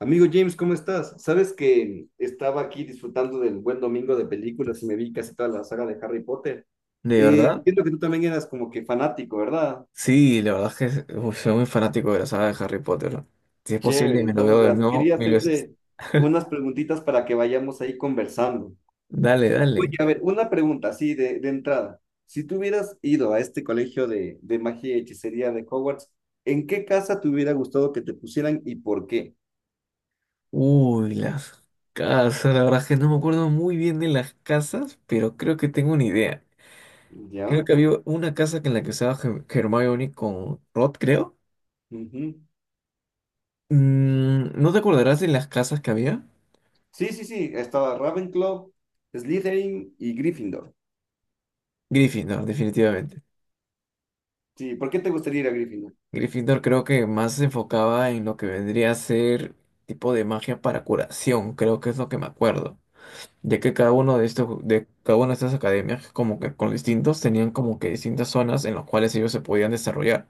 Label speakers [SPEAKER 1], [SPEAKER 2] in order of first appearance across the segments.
[SPEAKER 1] Amigo James, ¿cómo estás? Sabes que estaba aquí disfrutando del buen domingo de películas y me vi casi toda la saga de Harry Potter.
[SPEAKER 2] ¿De verdad?
[SPEAKER 1] Entiendo que tú también eras como que fanático, ¿verdad?
[SPEAKER 2] Sí, la verdad es que uf, soy muy fanático de la saga de Harry Potter. Si es posible,
[SPEAKER 1] Chévere.
[SPEAKER 2] me lo
[SPEAKER 1] Entonces,
[SPEAKER 2] veo de
[SPEAKER 1] verás,
[SPEAKER 2] nuevo
[SPEAKER 1] quería
[SPEAKER 2] mil veces.
[SPEAKER 1] hacerte unas preguntitas para que vayamos ahí conversando.
[SPEAKER 2] Dale,
[SPEAKER 1] Oye,
[SPEAKER 2] dale.
[SPEAKER 1] a ver, una pregunta así de entrada. Si tú hubieras ido a este colegio de magia y hechicería de Hogwarts, ¿en qué casa te hubiera gustado que te pusieran y por qué?
[SPEAKER 2] Uy, las casas. La verdad es que no me acuerdo muy bien de las casas, pero creo que tengo una idea. Creo
[SPEAKER 1] ¿Ya?
[SPEAKER 2] que había una casa en la que usaba Hermione con Rod, creo.
[SPEAKER 1] Ujú.
[SPEAKER 2] ¿No te acordarás de las casas que había?
[SPEAKER 1] Sí, sí, sí, estaba Ravenclaw, Slytherin y Gryffindor.
[SPEAKER 2] Gryffindor, definitivamente.
[SPEAKER 1] Sí, ¿por qué te gustaría ir a Gryffindor?
[SPEAKER 2] Gryffindor creo que más se enfocaba en lo que vendría a ser tipo de magia para curación. Creo que es lo que me acuerdo, ya que cada uno de estos, de cada una de estas academias, como que con distintos, tenían como que distintas zonas en las cuales ellos se podían desarrollar.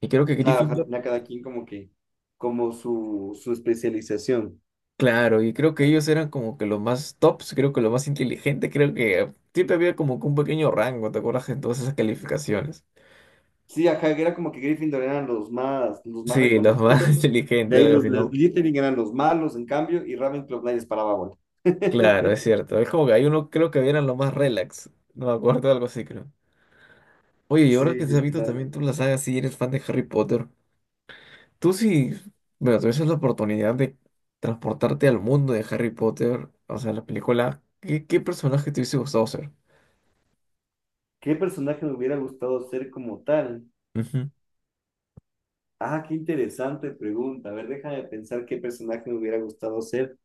[SPEAKER 2] Y creo que
[SPEAKER 1] Claro, ajá,
[SPEAKER 2] Gryffindor,
[SPEAKER 1] tenía cada quien como que, como su especialización.
[SPEAKER 2] claro, y creo que ellos eran como que los más tops, creo que los más inteligentes, creo que siempre había como que un pequeño rango, ¿te acuerdas? En todas esas calificacionnes.
[SPEAKER 1] Sí, ajá, que era como que Gryffindor eran los más
[SPEAKER 2] Sí, los más
[SPEAKER 1] reconocidos, de
[SPEAKER 2] inteligentes,
[SPEAKER 1] ahí
[SPEAKER 2] algo
[SPEAKER 1] los,
[SPEAKER 2] así,
[SPEAKER 1] los
[SPEAKER 2] ¿no?
[SPEAKER 1] Slytherin eran los malos, en cambio, y Ravenclaw nadie les paraba bola.
[SPEAKER 2] Claro, es cierto. Es como que hay uno, creo que eran los más relax, no me acuerdo, algo así, creo. Oye, y ahora
[SPEAKER 1] Sí,
[SPEAKER 2] que te has visto también
[SPEAKER 1] literal.
[SPEAKER 2] tú la saga, sí, eres fan de Harry Potter. Tú sí, bueno, tuvieses la oportunidad de transportarte al mundo de Harry Potter, o sea, la película, ¿qué personaje te hubiese gustado ser?
[SPEAKER 1] ¿Qué personaje me hubiera gustado ser como tal?
[SPEAKER 2] Ujú.
[SPEAKER 1] Ah, qué interesante pregunta. A ver, déjame pensar qué personaje me hubiera gustado ser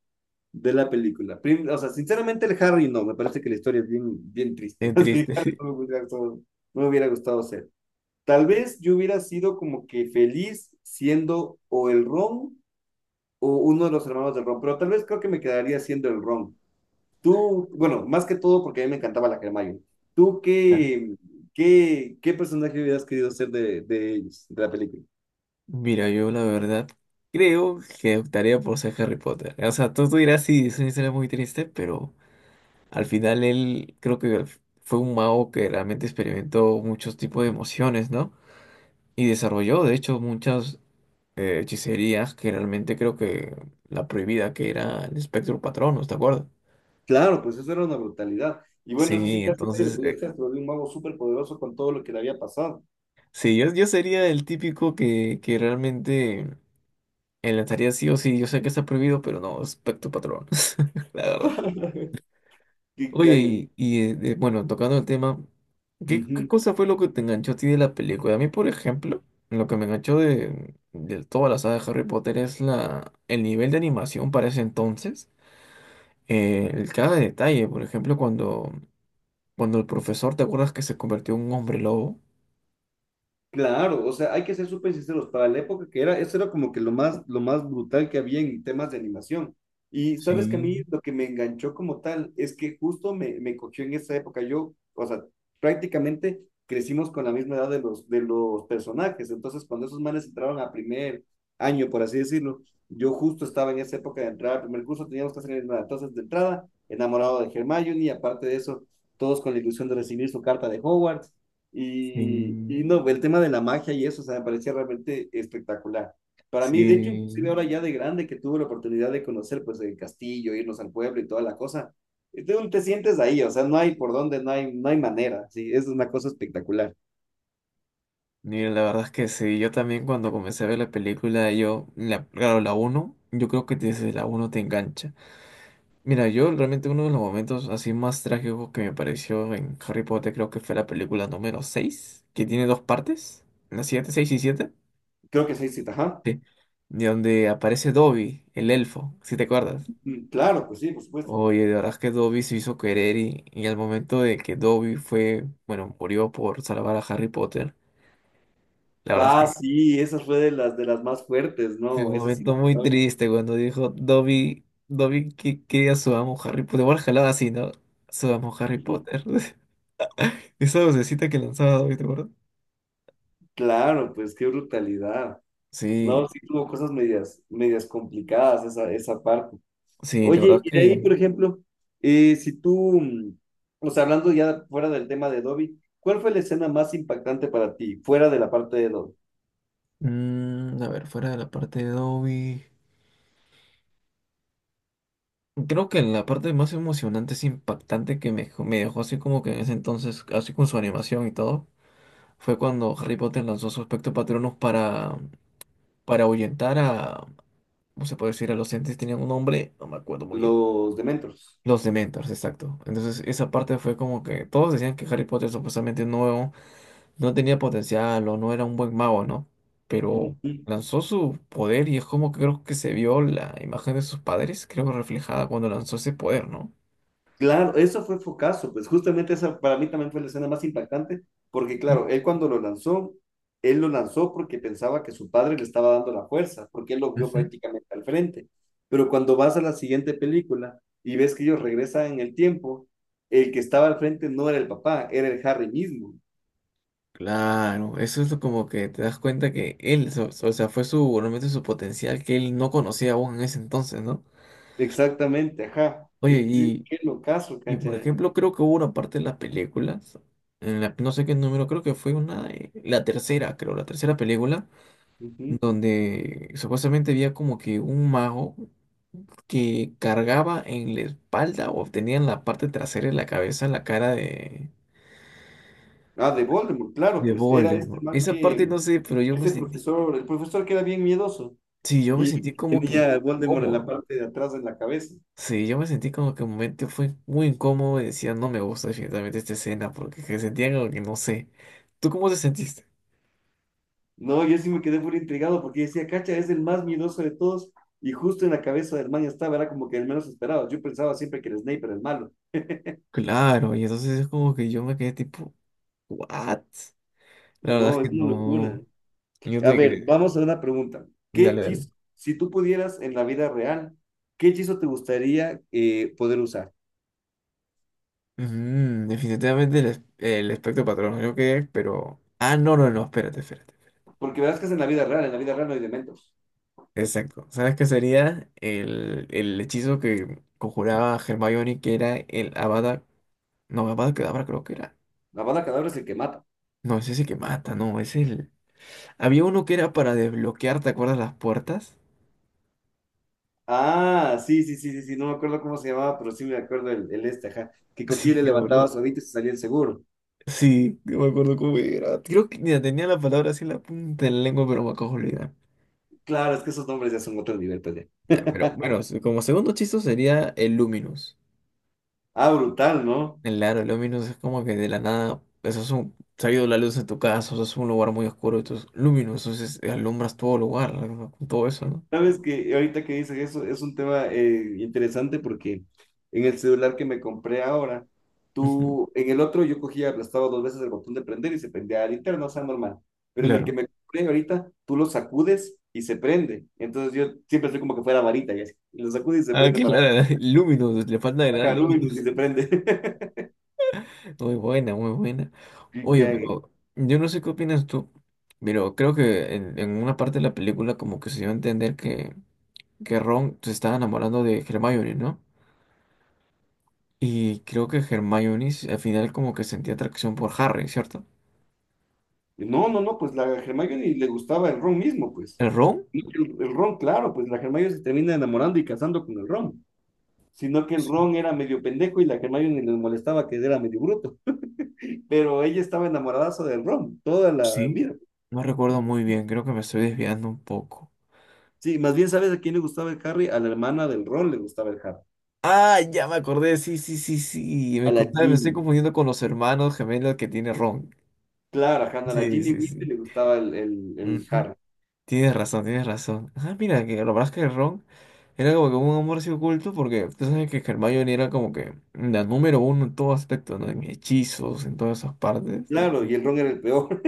[SPEAKER 1] de la película. O sea, sinceramente el Harry no, me parece que la historia es bien, bien triste.
[SPEAKER 2] Es
[SPEAKER 1] Así,
[SPEAKER 2] triste,
[SPEAKER 1] Harry
[SPEAKER 2] sí.
[SPEAKER 1] no me hubiera gustado, no me hubiera gustado ser. Tal vez yo hubiera sido como que feliz siendo o el Ron o uno de los hermanos del Ron, pero tal vez creo que me quedaría siendo el Ron. Tú, bueno, más que todo porque a mí me encantaba la Hermione. ¿Tú
[SPEAKER 2] Ah.
[SPEAKER 1] qué, qué personaje hubieras querido ser de ellos, de la película?
[SPEAKER 2] Mira, yo la verdad creo que optaría por ser Harry Potter. O sea, tú dirás, sí, es una historia muy triste, pero al final él creo que fue un mago que realmente experimentó muchos tipos de emociones, ¿no? Y desarrolló, de hecho, muchas hechicerías que realmente creo que la prohibida que era el espectro Patronus, ¿te acuerdas?
[SPEAKER 1] Claro, pues eso era una brutalidad. Y bueno, eso sí,
[SPEAKER 2] Sí,
[SPEAKER 1] casi nadie lo
[SPEAKER 2] entonces,
[SPEAKER 1] podía hacer, se volvió un mago súper poderoso con todo lo que le había pasado.
[SPEAKER 2] sí, yo sería el típico que, realmente enlazaría sí o sí. Yo sé que está prohibido, pero no, es pecto patrón, la verdad.
[SPEAKER 1] Qué
[SPEAKER 2] Oye,
[SPEAKER 1] cague.
[SPEAKER 2] bueno, tocando el tema, ¿qué
[SPEAKER 1] Ujú.
[SPEAKER 2] cosa fue lo que te enganchó a ti de la película? A mí, por ejemplo, lo que me enganchó de, toda la saga de Harry Potter es el nivel de animación para ese entonces. Cada detalle, por ejemplo, cuando el profesor, ¿te acuerdas que se convirtió en un hombre lobo?
[SPEAKER 1] Claro, o sea, hay que ser súper sinceros, para la época que era, eso era como que lo más brutal que había en temas de animación. Y sabes que a
[SPEAKER 2] Sí,
[SPEAKER 1] mí lo que me enganchó como tal es que justo me cogió en esa época. Yo, o sea, prácticamente crecimos con la misma edad de los personajes. Entonces, cuando esos manes entraron a primer año, por así decirlo, yo justo estaba en esa época de entrar al primer curso, teníamos que hacer nada. Entonces, de entrada, enamorado de Hermione, y aparte de eso, todos con la ilusión de recibir su carta de Hogwarts. Y,
[SPEAKER 2] sí.
[SPEAKER 1] y no, el tema de la magia y eso, o sea, me parecía realmente espectacular. Para mí, de hecho,
[SPEAKER 2] Sí,
[SPEAKER 1] inclusive ahora ya de grande que tuve la oportunidad de conocer pues el castillo, irnos al pueblo y toda la cosa, es de te sientes ahí, o sea, no hay por dónde, no hay, no hay manera, sí, es una cosa espectacular.
[SPEAKER 2] mira la verdad es que sí, yo también cuando comencé a ver la película, claro, la uno yo creo que desde la uno te engancha. Mira, yo realmente uno de los momentos así más trágicos que me pareció en Harry Potter creo que fue la película número 6 que tiene dos partes, las 7 6 y siete,
[SPEAKER 1] Creo que seis citas, ajá.
[SPEAKER 2] sí, de donde aparece Dobby, el elfo, si te acuerdas.
[SPEAKER 1] Mm, claro, pues sí, por supuesto.
[SPEAKER 2] Oye, de verdad es que Dobby se hizo querer y, al momento de que Dobby fue, bueno, murió por salvar a Harry Potter. La verdad es
[SPEAKER 1] Ah,
[SPEAKER 2] que
[SPEAKER 1] sí, esa fue de las más fuertes,
[SPEAKER 2] fue un
[SPEAKER 1] ¿no? Esa sí.
[SPEAKER 2] momento muy
[SPEAKER 1] No.
[SPEAKER 2] triste cuando dijo Dobby, Dobby que quería su amo Harry Potter. Igual jalaba así, ¿no? Su amo Harry Potter. Esa vocecita que lanzaba Dobby, ¿te acuerdas?
[SPEAKER 1] Claro, pues qué brutalidad. No,
[SPEAKER 2] Sí,
[SPEAKER 1] sí tuvo cosas medias, medias complicadas esa, esa parte.
[SPEAKER 2] sí, la
[SPEAKER 1] Oye,
[SPEAKER 2] verdad
[SPEAKER 1] y de ahí,
[SPEAKER 2] que...
[SPEAKER 1] por ejemplo, si tú, o sea, hablando ya fuera del tema de Dobby, ¿cuál fue la escena más impactante para ti, fuera de la parte de Dobby,
[SPEAKER 2] a ver, fuera de la parte de Dobby... Creo que la parte más emocionante, es impactante que me dejó así como que en ese entonces, así con su animación y todo, fue cuando Harry Potter lanzó su espectro patronus para ahuyentar a, ¿cómo se puede decir? A los entes, tenían un nombre, no me acuerdo muy bien.
[SPEAKER 1] los Dementors?
[SPEAKER 2] Los Dementors, exacto. Entonces, esa parte fue como que todos decían que Harry Potter supuestamente no tenía potencial o no era un buen mago, ¿no? Pero lanzó su poder y es como que creo que se vio la imagen de sus padres, creo que reflejada cuando lanzó ese poder, ¿no?
[SPEAKER 1] Claro, eso fue focazo, pues justamente esa para mí también fue la escena más impactante, porque
[SPEAKER 2] Ujú,
[SPEAKER 1] claro, él cuando lo lanzó, él lo lanzó porque pensaba que su padre le estaba dando la fuerza, porque él lo vio
[SPEAKER 2] ujú.
[SPEAKER 1] prácticamente al frente. Pero cuando vas a la siguiente película y ves que ellos regresan en el tiempo, el que estaba al frente no era el papá, era el Harry mismo.
[SPEAKER 2] Claro, eso es lo como que te das cuenta que él, o sea, fue realmente su potencial que él no conocía aún en ese entonces, ¿no?
[SPEAKER 1] Exactamente, ajá.
[SPEAKER 2] Oye,
[SPEAKER 1] Y sí,
[SPEAKER 2] y
[SPEAKER 1] qué locazo,
[SPEAKER 2] Y
[SPEAKER 1] cacha.
[SPEAKER 2] por ejemplo, creo que hubo una parte de las películas, no sé qué número, creo que fue una, la tercera, creo, la tercera película,
[SPEAKER 1] Ujú.
[SPEAKER 2] donde supuestamente había como que un mago que cargaba en la espalda o tenía en la parte trasera de la cabeza la cara de,
[SPEAKER 1] Ah, de Voldemort, claro, pues era este
[SPEAKER 2] Voldemort.
[SPEAKER 1] man
[SPEAKER 2] Esa parte
[SPEAKER 1] que,
[SPEAKER 2] no sé, pero yo me
[SPEAKER 1] ese
[SPEAKER 2] sentí,
[SPEAKER 1] profesor, el profesor que era bien miedoso.
[SPEAKER 2] sí, yo me
[SPEAKER 1] Y
[SPEAKER 2] sentí como que
[SPEAKER 1] tenía Voldemort en la
[SPEAKER 2] incómodo.
[SPEAKER 1] parte de atrás de la cabeza.
[SPEAKER 2] Sí, yo me sentí como que un momento fue muy incómodo y decía, no me gusta definitivamente esta escena, porque que sentía como que no sé. ¿Tú cómo te sentiste?
[SPEAKER 1] No, yo sí me quedé muy intrigado porque decía, cacha, es el más miedoso de todos. Y justo en la cabeza de Hermione estaba, era como que el menos esperado. Yo pensaba siempre que el Snape era el malo.
[SPEAKER 2] Claro, y entonces es como que yo me quedé tipo, ¿what? La verdad es
[SPEAKER 1] No, es
[SPEAKER 2] que
[SPEAKER 1] una locura.
[SPEAKER 2] no. Yo
[SPEAKER 1] A
[SPEAKER 2] tenía
[SPEAKER 1] ver,
[SPEAKER 2] que.
[SPEAKER 1] vamos a una pregunta. ¿Qué
[SPEAKER 2] Dale, dale.
[SPEAKER 1] hechizo, si tú pudieras en la vida real, qué hechizo te gustaría poder usar?
[SPEAKER 2] Ujú, definitivamente el espectro patrón, yo quedé, pero. Ah, no, no, no, espérate, espérate.
[SPEAKER 1] Porque verás que es en la vida real, en la vida real no hay dementos.
[SPEAKER 2] Exacto. ¿Sabes qué sería? El hechizo que conjuraba Hermione, que era el Avada. No, Avada Kedavra creo que era.
[SPEAKER 1] La bala cadáver es el que mata.
[SPEAKER 2] No, es ese que mata, no, es el. Había uno que era para desbloquear, ¿te acuerdas las puertas?
[SPEAKER 1] Ah, sí, sí, sí, sí, sí, no me acuerdo cómo se llamaba, pero sí me acuerdo el este, ajá, que cogía y
[SPEAKER 2] Sí,
[SPEAKER 1] le levantaba
[SPEAKER 2] creo,
[SPEAKER 1] su hábito y se salía el seguro.
[SPEAKER 2] sí, no me acuerdo cómo era. Creo que mira, tenía la palabra así en la punta de la lengua, pero me acabo de olvidar.
[SPEAKER 1] Claro, es que esos nombres ya son otro nivel, pues ya.
[SPEAKER 2] Ya, pero bueno, como segundo chiste sería el Luminous.
[SPEAKER 1] Ah, brutal, ¿no?
[SPEAKER 2] El aro Luminous es como que de la nada, eso es un, se ha ido la luz en tu casa, eso es un lugar muy oscuro, entonces Luminous, entonces alumbras todo lugar, ¿no? Con todo eso, ¿no?
[SPEAKER 1] Sabes que ahorita que dices eso, es un tema interesante porque en el celular que me compré ahora,
[SPEAKER 2] Ujú,
[SPEAKER 1] tú, en el otro yo cogía, aplastaba dos veces el botón de prender y se prendía al interno, o sea, normal. Pero en el que
[SPEAKER 2] claro.
[SPEAKER 1] me compré ahorita, tú lo sacudes y se prende. Entonces yo siempre estoy como que fuera varita y así. Lo sacudes y se
[SPEAKER 2] Ah,
[SPEAKER 1] prende
[SPEAKER 2] que
[SPEAKER 1] para
[SPEAKER 2] claro, Luminous, le falta agregar
[SPEAKER 1] bajar luz y
[SPEAKER 2] Luminous.
[SPEAKER 1] se prende.
[SPEAKER 2] Muy buena, muy buena.
[SPEAKER 1] que-
[SPEAKER 2] Oye,
[SPEAKER 1] que-
[SPEAKER 2] pero yo no sé qué opinas tú, pero creo que en una parte de la película como que se dio a entender que Ron se estaba enamorando de Hermione, ¿no? Y creo que Hermione al final como que sentía atracción por Harry, ¿cierto?
[SPEAKER 1] no, no, no, pues la Hermione le gustaba el Ron mismo, pues.
[SPEAKER 2] ¿El Ron?
[SPEAKER 1] No que el Ron, claro, pues la Hermione se termina enamorando y casando con el Ron, sino que el
[SPEAKER 2] Sí,
[SPEAKER 1] Ron era medio pendejo y la Hermione le molestaba que era medio bruto, pero ella estaba enamoradaza del Ron toda la
[SPEAKER 2] sí.
[SPEAKER 1] vida.
[SPEAKER 2] No recuerdo muy bien, creo que me estoy desviando un poco.
[SPEAKER 1] Sí, más bien, ¿sabes a quién le gustaba el Harry? A la hermana del Ron le gustaba el Harry,
[SPEAKER 2] Ah, ya me acordé, sí, sí, sí, sí.
[SPEAKER 1] a
[SPEAKER 2] Me,
[SPEAKER 1] la
[SPEAKER 2] contaba- me estoy
[SPEAKER 1] Ginny.
[SPEAKER 2] confundiendo con los hermanos gemelos que tiene Ron.
[SPEAKER 1] Claro, ajá, no, a la
[SPEAKER 2] Sí,
[SPEAKER 1] Ginny
[SPEAKER 2] sí,
[SPEAKER 1] Weasley
[SPEAKER 2] sí.
[SPEAKER 1] le gustaba el
[SPEAKER 2] Ujú.
[SPEAKER 1] Harry.
[SPEAKER 2] Tienes razón, tienes razón. Ah, mira, que lo verdad es que Ron era como que un amor así oculto, porque tú sabes que Hermione era como que la número uno en todo aspecto, ¿no? En hechizos, en todas esas partes.
[SPEAKER 1] Claro, y el Ron era el peor.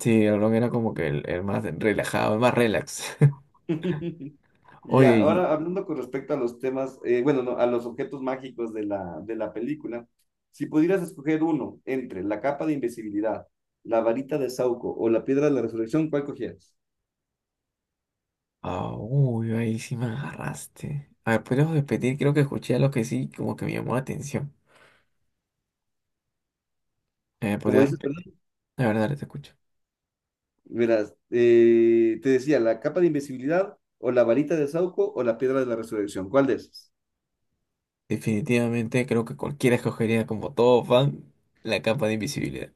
[SPEAKER 2] Sí, el Ron era como que el más relajado, el más relax.
[SPEAKER 1] Y
[SPEAKER 2] Oye,
[SPEAKER 1] ya,
[SPEAKER 2] claro.
[SPEAKER 1] ahora hablando con respecto a los temas, bueno, no, a los objetos mágicos de la película, si pudieras escoger uno entre la capa de invisibilidad, la varita de Sauco o la piedra de la resurrección, ¿cuál cogieras?
[SPEAKER 2] Ah, uy, ahí sí me agarraste. A ver, ¿podrías repetir? Creo que escuché algo que sí, como que me llamó la atención.
[SPEAKER 1] Como
[SPEAKER 2] ¿Podrías
[SPEAKER 1] dices,
[SPEAKER 2] repetir?
[SPEAKER 1] ¿verdad?
[SPEAKER 2] La verdad, dale, te escucho.
[SPEAKER 1] Verás, te decía, la capa de invisibilidad o la varita de Sauco o la piedra de la resurrección, ¿cuál de esos?
[SPEAKER 2] Definitivamente creo que cualquiera escogería como todo fan la capa de invisibilidad.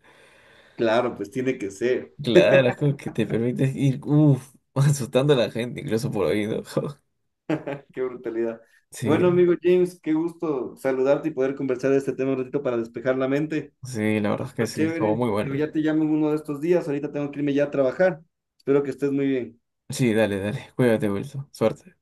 [SPEAKER 1] Claro, pues tiene que ser.
[SPEAKER 2] Claro, las cosas que te permiten ir, uff, asustando a la gente, incluso por oído.
[SPEAKER 1] Qué brutalidad.
[SPEAKER 2] Sí,
[SPEAKER 1] Bueno, amigo James, qué gusto saludarte y poder conversar de este tema un ratito para despejar la mente.
[SPEAKER 2] sí, la verdad es que sí, estuvo
[SPEAKER 1] Chévere.
[SPEAKER 2] muy
[SPEAKER 1] Digo,
[SPEAKER 2] buena.
[SPEAKER 1] ya te llamo en uno de estos días. Ahorita tengo que irme ya a trabajar. Espero que estés muy bien.
[SPEAKER 2] Sí, dale, dale, cuídate, Wilson, suerte.